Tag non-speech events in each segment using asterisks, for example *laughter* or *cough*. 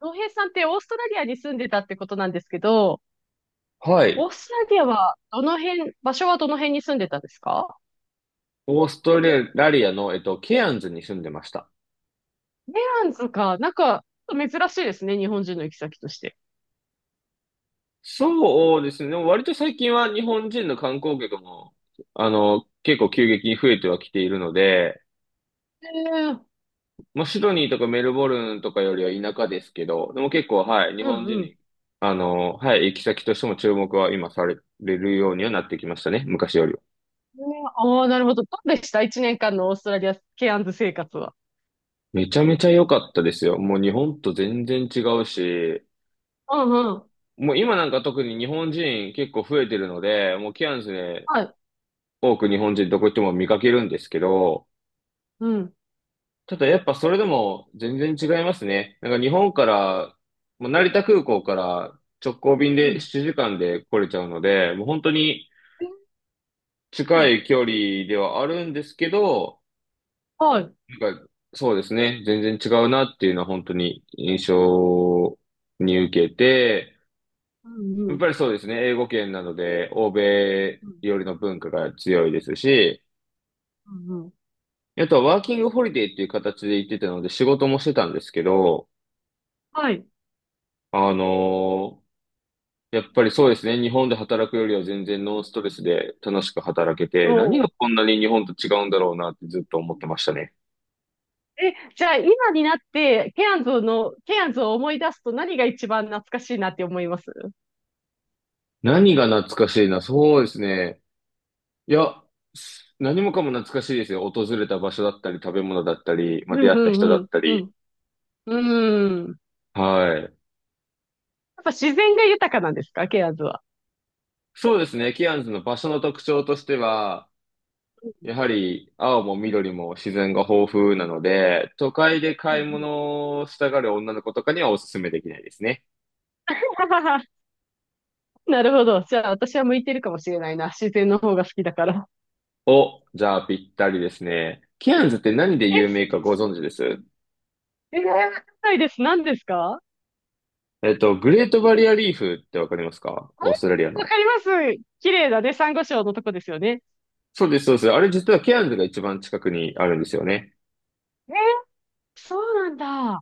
浩平さんってオーストラリアに住んでたってことなんですけど、はオーい。ストラリアはどの辺、場所はどの辺に住んでたんですか？オーストラリアの、ケアンズに住んでました。メランズか、なんか珍しいですね、日本人の行き先として。そうですね。でも割と最近は日本人の観光客も、結構急激に増えてはきているので、えー、まあ、シドニーとかメルボルンとかよりは田舎ですけど、でも結構、はい、日う本人んうん。に、はい、行き先としても注目は今されるようにはなってきましたね。昔よりは。ああー、なるほど。どうでした一年間のオーストラリア、ケアンズ生活は？めちゃめちゃ良かったですよ。もう日本と全然違うし、うんうん。もう今なんか特に日本人結構増えてるので、もうケアンズではい。多く日本人どこ行っても見かけるんですけど、うん。ただやっぱそれでも全然違いますね。なんか日本から、もう成田空港から直行便うで7ん。時間で来れちゃうので、もう本当にう近ん、い距離ではあるんですけど、はい。なんかそうですね、全然違うなっていうのは本当に印象に受けて、うんやうっん。ぱりそうですね、英語圏なので欧米うん。よりの文化が強いですし、うんうん。あとはワーキングホリデーっていう形で行ってたので仕事もしてたんですけど、はい。あのーやっぱりそうですね、日本で働くよりは全然ノンストレスで楽しく働けおて、何がう。こんなに日本と違うんだろうなってずっと思ってましたね。え、じゃあ今になって、ケアンズの、ケアンズを思い出すと何が一番懐かしいなって思います？何が懐かしいな、そうですね。いや、何もかも懐かしいですよ。訪れた場所だったり、食べ物だったり、うまあ、出ん、会っうたん、人うだっん、たうり。ん。うん。やはい。っぱ自然が豊かなんですか、ケアーズは？そうですね、キアンズの場所の特徴としては、やはり青も緑も自然が豊富なので、都会でうんう買いん。 物をしたがる女の子とかにはおすすめできないですね。*laughs* なるほど。じゃあ、私は向いてるかもしれないな。自然の方が好きだから。お、じゃあぴったりですね。ケアンズって何でえ、有名かご存知ですえー、わかんないです。何ですか？グレートバリアリーフってわかりますか、あオれーストラリアわの。かります。綺麗だね。珊瑚礁のとこですよね？そうです、そうです。あれ実はケアンズが一番近くにあるんですよね。えー、そうなんだ。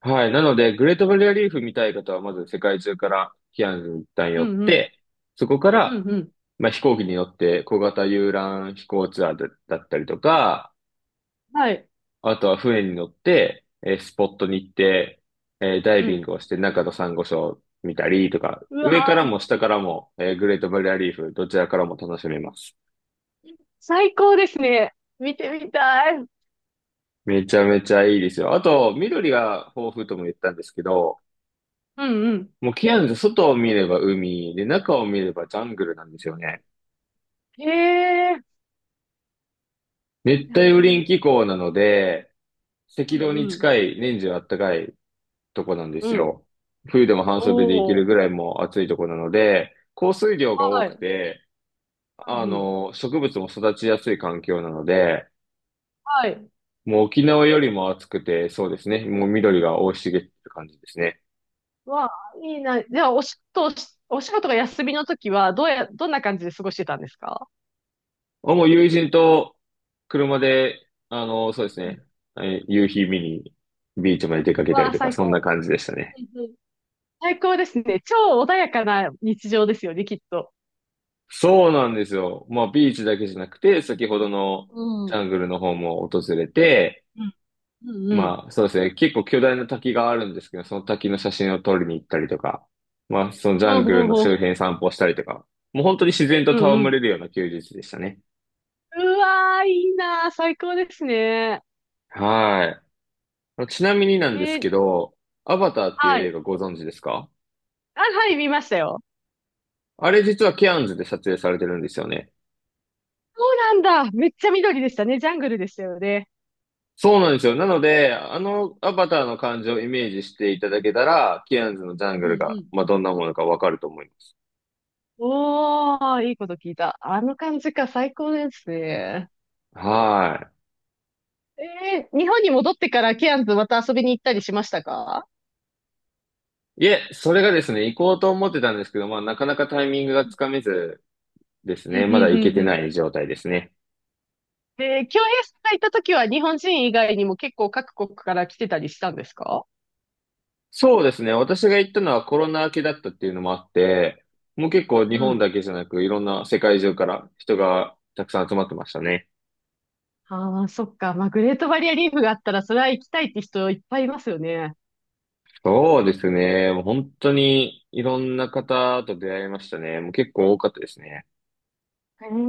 はい。なので、グレートバリアリーフ見たい方は、まず世界中からキアヌに一旦う寄っんうん。て、そこかうら、んうん。まあ、飛行機に乗って小型遊覧飛行ツアーだったりとか、はい。あとは船に乗って、スポットに行って、ダイうビンん。グをして中のサンゴ礁見たりとか、う上からわー、も下からも、グレートバリアリーフ、どちらからも楽しめます。最高ですね。見てみたい。うんめちゃめちゃいいですよ。あと、緑が豊富とも言ったんですけど、うん。もうキアヌズ外を見れば海で、中を見ればジャングルなんですよね。へえ。いい熱帯雨林な気候なので、ー、赤道うに近んい年中暖かいとこなんでうん。すうん。よ。冬でも半袖でいけおるー。ぐらいもう暑いとこなので、降水量が多はくい。て、うんうん、植物も育ちやすい環境なので、はい。もう沖縄よりも暑くて、そうですね。もう緑が生い茂ってる感じですね。わあ、いいな。じゃあ、お仕事が休みの時は、どうや、どんな感じで過ごしてたんですか？あ、もう友人と車で、そうですうん、ね。夕日見にビーチまで出かけたわりあ、とか、最そんな高。感じでしたね。うんうん、最高ですね。超穏やかな日常ですよね、きっと。そうなんですよ。まあ、ビーチだけじゃなくて、先ほどのうジん。ャングルの方も訪れて、うんうんうん。まあ、そうですね。結構巨大な滝があるんですけど、その滝の写真を撮りに行ったりとか、まあ、そのジャほうンほグルうのほう周ほ辺散歩したりとか、もう本当に自然とう。うんう戯ん。れるような休日でしたね。うわー、いいなー、最高ですね。はい。ちなみになんでえすけー、ど、アバターっていうは映い。画ご存知ですか？あ、はい、見ましたよ。あれ実はケアンズで撮影されてるんですよね。そうなんだ。めっちゃ緑でしたね。ジャングルでしたよね。そうなんですよ。なので、あのアバターの感じをイメージしていただけたら、キアンズのジャンうグんうルが、ん。まあ、どんなものかわかると思います。おー、いいこと聞いた。あの感じか、最高ですね。は日本に戻ってからケアンズまた遊びに行ったりしましたか？い。いえ、それがですね、行こうと思ってたんですけど、まあ、なかなかタイミングがうつかめずですん、うね、ん、まだ行けうん、てうなん。い状態ですね。で、京平さんがいた時は日本人以外にも結構各国から来てたりしたんですか？そうですね、私が行ったのはコロナ明けだったっていうのもあって、もう結構日うんう本ん。だけじゃなく、いろんな世界中から人がたくさん集まってましたね。ああ、そっか。まあ、グレートバリアリーフがあったら、それは行きたいって人いっぱいいますよね。そうですね、もう本当にいろんな方と出会いましたね。もう結構多かったですね。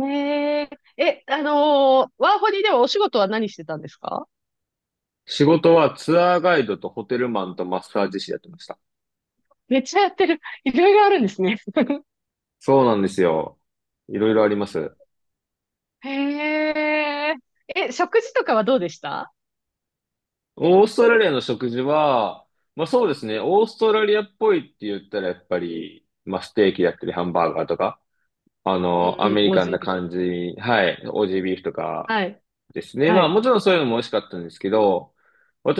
へえ。え、ワーホリではお仕事は何してたんですか？仕事はツアーガイドとホテルマンとマッサージ師やってました。めっちゃやってる。いろいろあるんですね。そうなんですよ。いろいろあります。へえ。え、食事とかはどうでした？オーストラリアの食事は、まあそうですね、オーストラリアっぽいって言ったらやっぱり、まあステーキだったりハンバーガーとか、うアんメうん、リオーカンジーなビーフ。感じ、はい、オージービーフとかはい、ですね。はまあい。もちろんそういうのも美味しかったんですけど、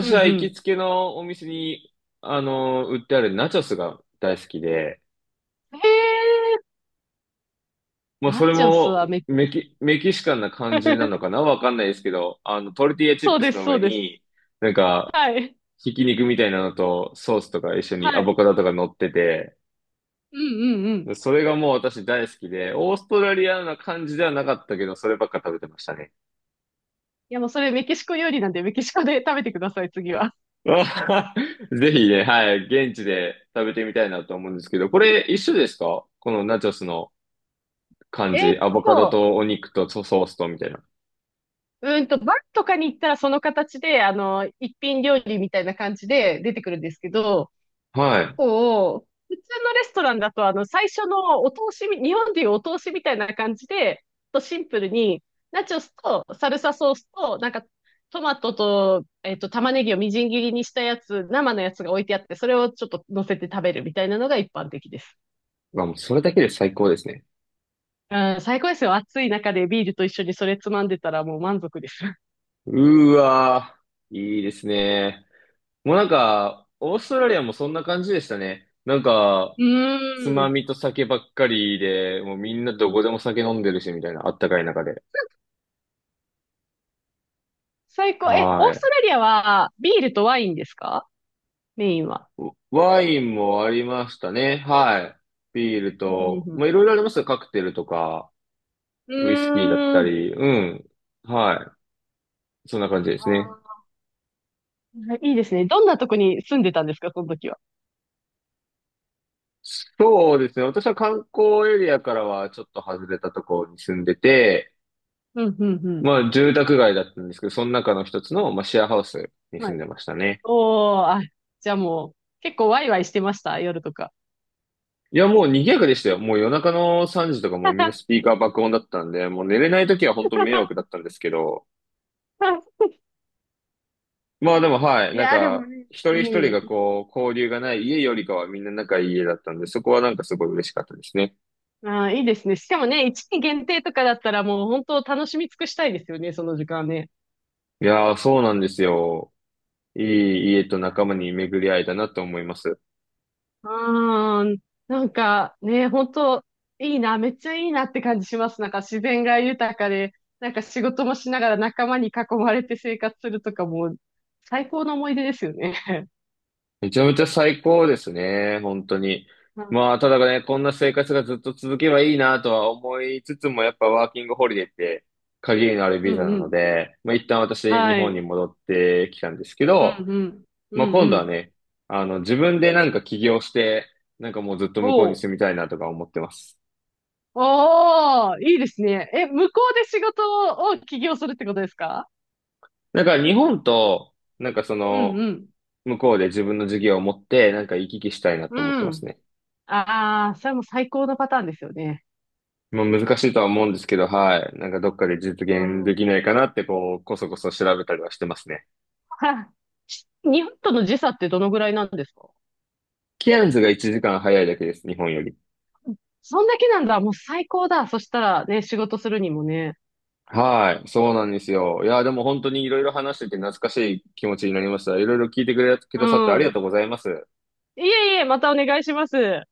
うんはう行きん。つけのお店に、売ってあるナチョスが大好きで、へえ。まあ、そナれチョスはもメキシコ。 メキシカンな感じなのかな、わかんないですけど、トルティーヤ *laughs* チッそうプでスす、のそ上うです。に、なんか、はい、ひき肉みたいなのとソースとか一緒はにアボい。カドとか乗ってて、うんうんうん。それがもう私大好きで、オーストラリアな感じではなかったけど、そればっか食べてましたね。いや、もうそれメキシコ料理なんで、メキシコで食べてください、次は。*laughs* あ、ぜひね、はい、現地で食べてみたいなと思うんですけど、これ一緒ですか、このナチョスの感えーじ、っアボカドと、とお肉とソースとみたいな。バーとかに行ったらその形で、一品料理みたいな感じで出てくるんですけど、はい。普通のレストランだと、最初のお通しみ、日本でいうお通しみたいな感じで、とシンプルに、ナチョスとサルサソースと、なんか、トマトと、玉ねぎをみじん切りにしたやつ、生のやつが置いてあって、それをちょっと乗せて食べるみたいなのが一般的です。まあ、もうそれだけで最高ですね。うん、最高ですよ。暑い中でビールと一緒にそれつまんでたらもう満足です。*laughs* うーわー、いいですね。もうなんか、オーストラリアもそんな感じでしたね。なんか、うつーまん。みと酒ばっかりで、もうみんなどこでも酒飲んでるし、みたいな、あったかい中で。*laughs* 最高。え、オはーストい。ラリアはビールとワインですか？メインは。ワインもありましたね。はい。ビールうんと、うまんあ、いろいろありますよ。カクテルとか、うウイスキーだっん、うーたん。り、うん。はい。そんな感じであすね。ー、はい、いいですね。どんなとこに住んでたんですか、その時は？そうですね。私は観光エリアからはちょっと外れたところに住んでて、うん、うん、うん。まあ、住宅街だったんですけど、その中の一つの、まあ、シェアハウスに住はんい。でましたね。おー、あ、じゃあもう、結構ワイワイしてました、夜とか？いや、もう賑やかでしたよ。もう夜中の3時とかもうみんなスピーカー爆音だったんで、もう寝れない時は本当迷惑だっ *laughs* たんですけど、まあでもはい、いなんやー、でもか、ね、一う人一人がん。こう、交流がない家よりかはみんな仲いい家だったんで、そこはなんかすごい嬉しかったですね。あー、いいですね。しかもね、一期限定とかだったらもう本当楽しみ尽くしたいですよね、その時間ね。いやー、そうなんですよ。いい家と仲間に巡り合えたなと思います。うーん。なんかね、本当いいな、めっちゃいいなって感じします。なんか自然が豊かで、なんか仕事もしながら仲間に囲まれて生活するとかも、最高の思い出ですよね。めちゃめちゃ最高ですね、本当に。*laughs* うんまあ、ただね、こんな生活がずっと続けばいいなとは思いつつも、やっぱワーキングホリデーって限りのあるうビザんなうのん。で、まあ一旦私、日は本にい。戻ってきたんですけうんど、うん。うまあん今う度はん。ね、自分でなんか起業して、なんかもうずっと向こうにおう。住みたいなとか思ってます。おー、いいですね。え、向こうで仕事を起業するってことですか？なんか日本と、なんかそうんうの、ん。向こうで自分の事業を持って、なんか行き来したいなと思ってうますん。ね。ああ、それも最高のパターンですよね。まあ、難しいとは思うんですけど、はい。なんかどっかで実う現でん。きないかなって、こう、こそこそ調べたりはしてますね。はい。日本との時差ってどのぐらいなんですか？キアンズが1時間早いだけです、日本より。そんだけなんだ。もう最高だ。そしたらね、仕事するにもね。はい。そうなんですよ。いや、でも本当にいろいろ話してて懐かしい気持ちになりました。いろいろ聞いてくれ、くうださってありがん。とうございます。いえいえ、またお願いします。